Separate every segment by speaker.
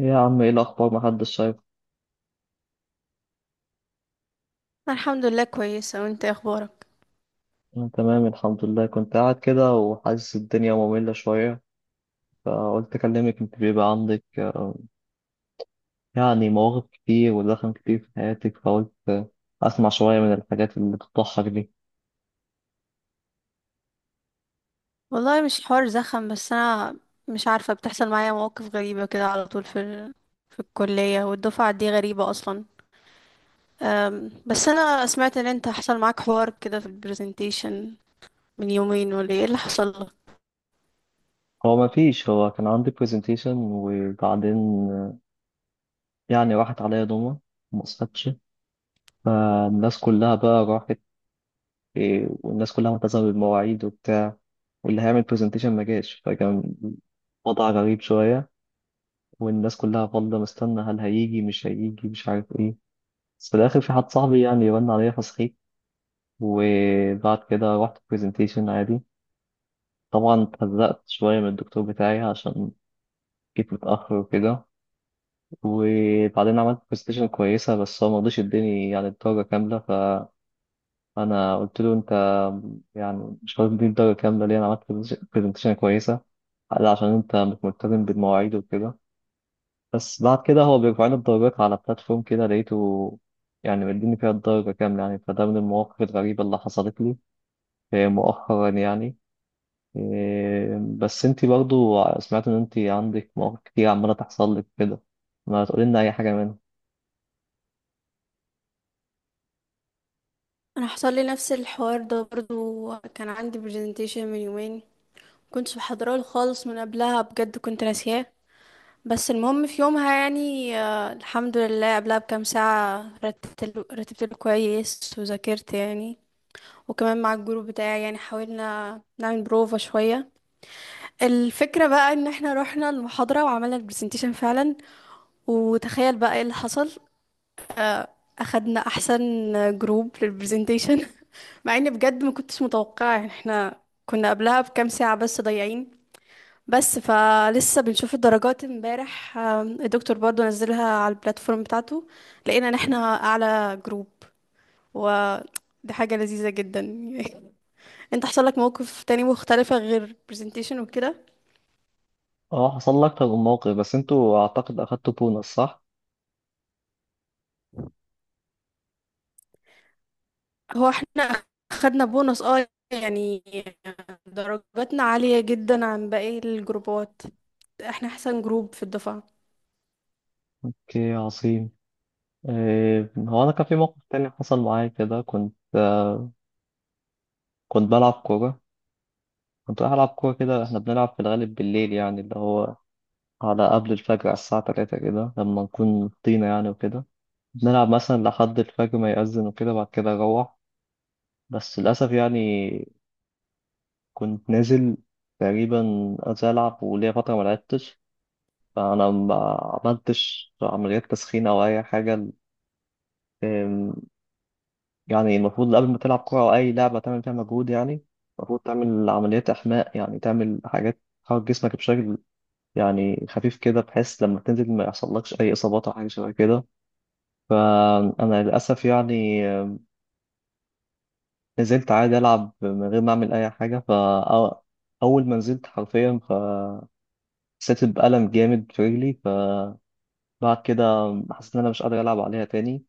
Speaker 1: إيه يا عم، ايه الاخبار؟ محدش شايف.
Speaker 2: أنا الحمد لله كويسة، وانت إيه اخبارك؟
Speaker 1: انا تمام الحمد لله، كنت قاعد كده وحاسس الدنيا مملة شوية، فقلت اكلمك. انت بيبقى عندك يعني مواقف كتير ودخل كتير في حياتك، فقلت اسمع شوية من الحاجات اللي بتضحك دي.
Speaker 2: والله مش حوار زخم، بس انا مش عارفة، بتحصل معايا مواقف غريبة كده على طول في الكلية، والدفعة دي غريبة اصلا. بس انا سمعت ان انت حصل معاك حوار كده في البرزنتيشن من يومين، ولا ايه اللي حصل لك؟
Speaker 1: هو ما فيش، هو كان عندي برزنتيشن، وبعدين آه، يعني راحت عليا دوما، ما صحتش. فالناس كلها بقى راحت، والناس كلها ملتزمة بالمواعيد وبتاع، واللي هيعمل برزنتيشن ما جاش. فكان وضع غريب شوية، والناس كلها فاضلة مستنى هل هيجي مش هيجي مش عارف ايه. بس في الآخر في حد صاحبي يعني رن عليا فصحيت، وبعد كده رحت برزنتيشن عادي. طبعا اتهزقت شوية من الدكتور بتاعي عشان جيت متأخر وكده. وبعدين عملت برزنتيشن كويسة، بس هو مرضيش يديني يعني الدرجة كاملة. فأنا قلت له، أنت يعني مش هتديني الدرجة كاملة ليه؟ أنا عملت برزنتيشن كويسة. قال عشان أنت مش ملتزم بالمواعيد وكده. بس بعد كده هو بيرفعني الدرجات على بلاتفورم، كده لقيته يعني مديني فيها الدرجة كاملة. يعني فده من المواقف الغريبة اللي حصلت لي مؤخرا يعني. بس انتي برضو سمعت ان انتي عندك مواقف كتير عمالة تحصل لك كده، ما تقولي لنا اي حاجة منها.
Speaker 2: انا حصل لي نفس الحوار ده برضو، كان عندي برزنتيشن من يومين كنتش بحضره خالص، من قبلها بجد كنت ناسياه. بس المهم في يومها يعني الحمد لله قبلها بكام ساعة رتبت له كويس وذاكرت يعني. وكمان مع الجروب بتاعي يعني حاولنا نعمل بروفا شوية. الفكرة بقى ان احنا رحنا المحاضرة وعملنا البرزنتيشن فعلا. وتخيل بقى ايه اللي حصل. آه، اخدنا احسن جروب للبرزنتيشن. مع اني بجد ما كنتش متوقعة، يعني احنا كنا قبلها بكام ساعة بس ضايعين. بس فلسه بنشوف الدرجات امبارح، الدكتور برضو نزلها على البلاتفورم بتاعته، لقينا ان احنا اعلى جروب، و دي حاجة لذيذة جدا. انت حصل لك موقف تاني مختلفة غير presentation وكده؟
Speaker 1: اه، حصل لك اكتر من موقف، بس انتوا اعتقد اخدتوا بونص، صح؟
Speaker 2: هو احنا خدنا بونص، اه، يعني درجاتنا عالية جدا عن باقي الجروبات، احنا احسن جروب في الدفعة.
Speaker 1: اوكي عظيم. هو انا كان في موقف تاني حصل معايا كده. كنت بلعب كورة. كنت رايح ألعب كورة كده، احنا بنلعب في الغالب بالليل، يعني اللي هو على قبل الفجر، على الساعة تلاتة كده، لما نكون طينة يعني وكده. بنلعب مثلا لحد الفجر ما يأذن وكده، بعد كده أروح. بس للأسف يعني كنت نازل، تقريبا عايز ألعب وليا فترة ما لعبتش، فأنا ما عملتش عمليات تسخين أو أي حاجة. أم، يعني المفروض قبل ما تلعب كورة أو أي لعبة تعمل فيها مجهود، يعني المفروض تعمل عمليات إحماء، يعني تعمل حاجات تحرك جسمك بشكل يعني خفيف كده، بحيث لما تنزل ما يحصلكش أي إصابات أو حاجة شبه كده. فأنا للأسف يعني نزلت عادي ألعب من غير ما أعمل أي حاجة، فأول ما نزلت حرفيا فحسيت بألم جامد في رجلي. فبعد كده حسيت إن أنا مش قادر ألعب عليها تاني،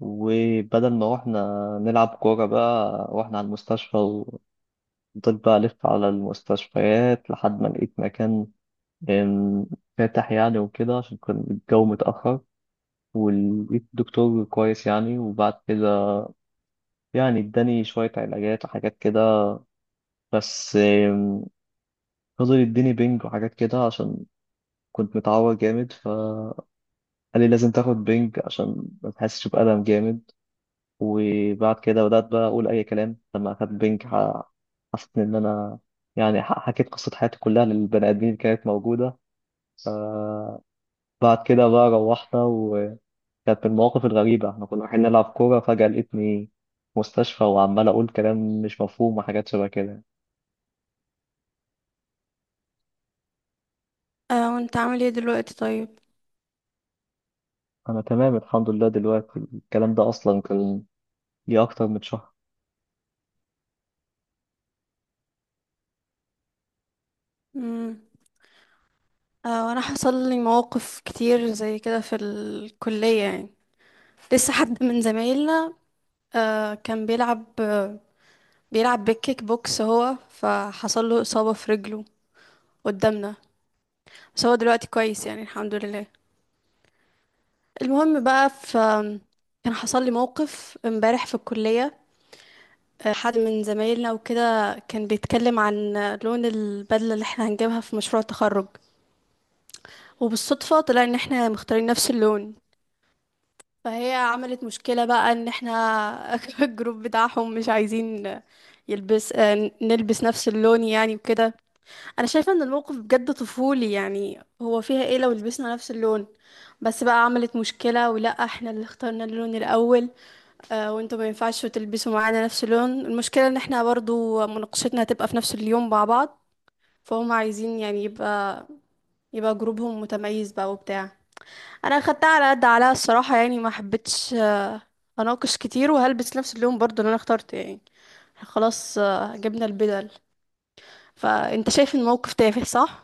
Speaker 1: وبدل ما روحنا نلعب كورة بقى روحنا على المستشفى. وفضلت بقى ألف على المستشفيات لحد ما لقيت مكان أم، فاتح يعني وكده، عشان كان الجو متأخر. ولقيت دكتور كويس يعني، وبعد كده يعني اداني شوية علاجات وحاجات كده. بس فضل يديني بينج وحاجات كده عشان كنت متعور جامد. فقال لي لازم تاخد بينج عشان ما تحسش بألم جامد. وبعد كده بدأت بقى أقول أي كلام لما أخدت بينج. حسيت إن أنا يعني حكيت قصة حياتي كلها للبني آدمين اللي كانت موجودة. بعد كده بقى روحنا، وكانت من المواقف الغريبة، احنا كنا رايحين نلعب كورة فجأة لقيتني في مستشفى وعمال أقول كلام مش مفهوم وحاجات شبه كده.
Speaker 2: اه، وانت عامل ايه دلوقتي؟ طيب.
Speaker 1: أنا تمام الحمد لله، دلوقتي الكلام ده أصلا كان ليه أكتر من شهر.
Speaker 2: مم. اه، وانا حصل لي مواقف كتير زي كده في الكلية يعني. لسه حد من زمايلنا كان بيلعب بالكيك بوكس، هو فحصل له إصابة في رجله قدامنا، بس هو دلوقتي كويس يعني، الحمد لله. المهم بقى، كان حصل لي موقف امبارح في الكلية. حد من زمايلنا وكده كان بيتكلم عن لون البدلة اللي احنا هنجيبها في مشروع التخرج، وبالصدفة طلع ان احنا مختارين نفس اللون. فهي عملت مشكلة بقى ان احنا الجروب بتاعهم مش عايزين يلبس آه، نلبس نفس اللون يعني وكده. انا شايفة ان الموقف بجد طفولي، يعني هو فيها ايه لو لبسنا نفس اللون؟ بس بقى عملت مشكلة، ولا احنا اللي اخترنا اللون الاول وانتوا ما ينفعش تلبسوا معانا نفس اللون. المشكلة ان احنا برضو مناقشتنا هتبقى في نفس اليوم مع بعض، فهم عايزين يعني يبقى جروبهم متميز بقى وبتاع. انا خدتها على قد عليها الصراحه، يعني ما حبيتش اناقش كتير، وهلبس نفس اللون برضو اللي انا اخترته يعني. إحنا خلاص جبنا البدل. فانت شايف الموقف تافه صح؟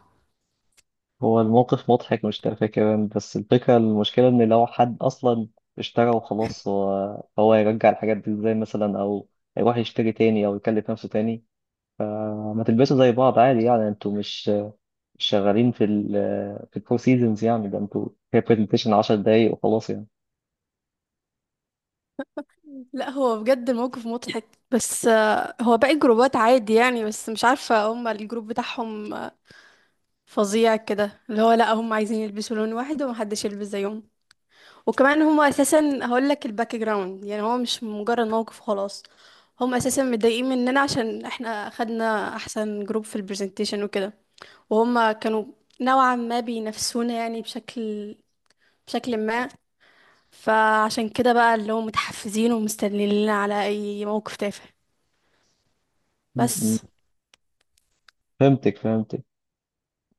Speaker 1: هو الموقف مضحك، مش تافه كمان. بس الفكرة المشكلة إن لو حد أصلا اشترى وخلاص، هو هيرجع الحاجات دي إزاي مثلا، أو هيروح يشتري تاني أو يكلف نفسه تاني. ما تلبسوا زي بعض عادي يعني، أنتوا مش شغالين في ال في الفور سيزونز يعني. ده أنتوا هي برزنتيشن 10 دقايق وخلاص يعني.
Speaker 2: لا هو بجد الموقف مضحك، بس هو باقي الجروبات عادي يعني، بس مش عارفه، هم الجروب بتاعهم فظيع كده، اللي هو لا هم عايزين يلبسوا لون واحد ومحدش يلبس زيهم. وكمان هما اساسا هقول لك الباك جراوند، يعني هو مش مجرد موقف خلاص. هم اساسا متضايقين مننا عشان احنا خدنا احسن جروب في البرزنتيشن وكده، وهم كانوا نوعا ما بينافسونا يعني، بشكل ما. فعشان كده بقى اللي هم متحفزين ومستنيين على اي موقف تافه،
Speaker 1: م- م.
Speaker 2: بس.
Speaker 1: فهمتك فهمتك.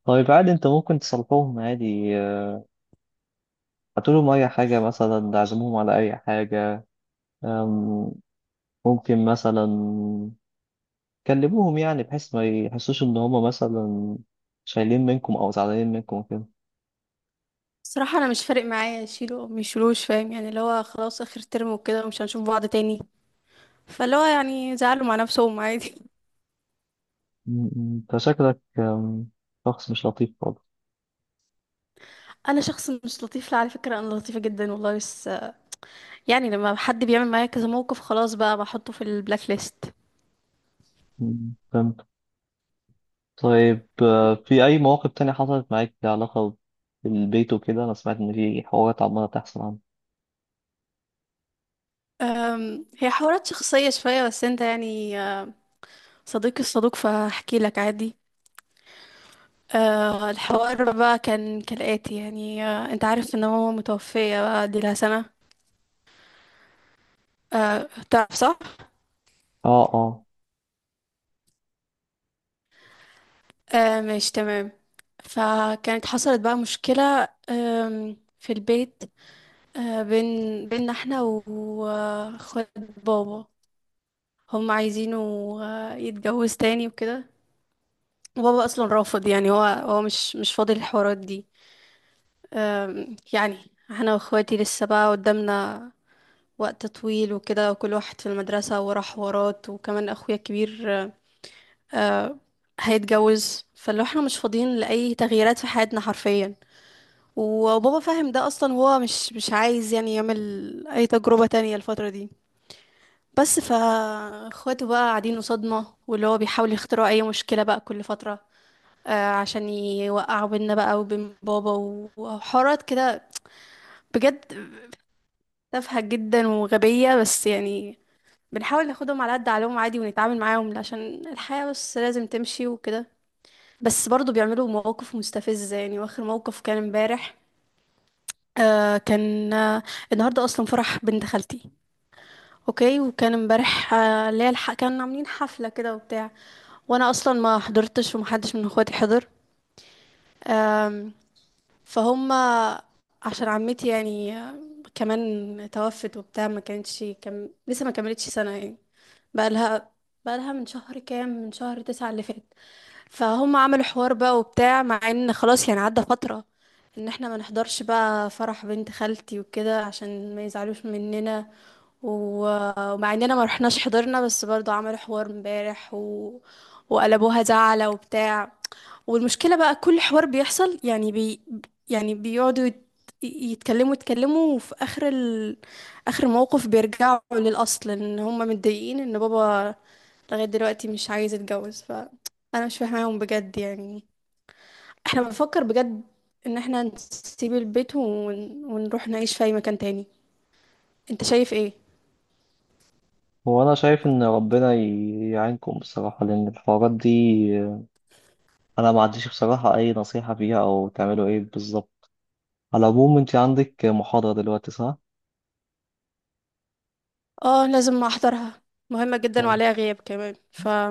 Speaker 1: طيب عادي، أنت ممكن تصلحوهم عادي، هاتولهم أي حاجة مثلا، عزموهم على أي حاجة. آم، ممكن مثلا كلموهم، يعني بحيث ما يحسوش ان هما مثلا شايلين منكم او زعلانين منكم وكده.
Speaker 2: صراحة انا مش فارق معايا يشيلوا او ميشيلوش، فاهم يعني، اللي هو خلاص اخر ترم وكده ومش هنشوف بعض تاني، فاللي هو يعني زعلوا مع نفسهم عادي.
Speaker 1: م- م. انت شكلك شخص مش لطيف خالص.
Speaker 2: انا شخص مش لطيف؟ لا، على فكره انا لطيفه جدا والله، بس يعني لما حد بيعمل معايا كذا موقف خلاص بقى بحطه في البلاك ليست.
Speaker 1: فهمت. طيب، في اي مواقف تانية حصلت معاك لها علاقة بالبيت وكده؟ انا سمعت ان في حوارات عمالة تحصل عنه.
Speaker 2: هي حوارات شخصيه شويه، بس انت يعني صديقي الصدوق فاحكي لك عادي. الحوار بقى كان كالاتي يعني، انت عارف ان ماما متوفيه بقى، دي لها سنه، أه، تعرف صح؟
Speaker 1: اه، اه.
Speaker 2: أه، ماشي تمام. فكانت حصلت بقى مشكله في البيت، أه، بين بيننا احنا واخوات بابا، هم عايزينه يتجوز تاني وكده، وبابا اصلا رافض، يعني هو مش فاضي الحوارات دي. يعني احنا واخواتي لسه بقى قدامنا وقت طويل وكده، كل واحد في المدرسة وراه حوارات، وكمان اخويا الكبير آه، هيتجوز. فلو احنا مش فاضيين لأي تغييرات في حياتنا حرفيا، وبابا فاهم ده اصلا، وهو مش عايز يعني يعمل اي تجربة تانية الفترة دي. بس فاخواته بقى قاعدين صدمة، واللي هو بيحاول يخترعوا أي مشكلة بقى كل فترة عشان يوقعوا بينا بقى وبين بابا، وحوارات كده بجد تافهة جدا وغبية، بس يعني بنحاول ناخدهم على قد عقلهم عادي ونتعامل معاهم عشان الحياة، بس لازم تمشي وكده. بس برضه بيعملوا مواقف مستفزة يعني، واخر موقف كان امبارح، كان النهاردة أصلا فرح بنت خالتي. اوكي. وكان امبارح اللي هي كانوا عاملين حفلة كده وبتاع، وانا اصلا ما حضرتش، ومحدش من اخواتي حضر. أم، فهم عشان عمتي يعني كمان توفت وبتاع، ما كانتش لسه ما كملتش سنة يعني، بقى لها بقى لها من شهر، كام، من شهر 9 اللي فات. فهم عملوا حوار بقى وبتاع، مع ان خلاص يعني عدى فترة ان احنا ما نحضرش بقى فرح بنت خالتي وكده عشان ما يزعلوش مننا، ومع اننا ما رحناش حضرنا، بس برضو عملوا حوار امبارح وقلبوها زعلة وبتاع. والمشكلة بقى كل حوار بيحصل يعني يعني بيقعدوا يتكلموا، وفي اخر اخر موقف بيرجعوا للاصل ان هم متضايقين ان بابا لغاية دلوقتي مش عايز يتجوز. انا مش فاهماهم بجد يعني. احنا بنفكر بجد ان احنا نسيب البيت ونروح نعيش في اي مكان تاني. انت شايف ايه؟
Speaker 1: هو انا شايف ان ربنا يعينكم بصراحة، لان الحوارات دي آه، انا ما عنديش بصراحة اي نصيحة فيها او تعملوا ايه بالظبط. على العموم، انت عندك محاضرة دلوقتي، صح؟
Speaker 2: اه، لازم احضرها، مهمة جدا
Speaker 1: طيب،
Speaker 2: وعليها غياب كمان،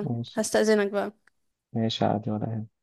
Speaker 1: ماشي.
Speaker 2: بقى.
Speaker 1: ماشي عادي، ولا يهمك.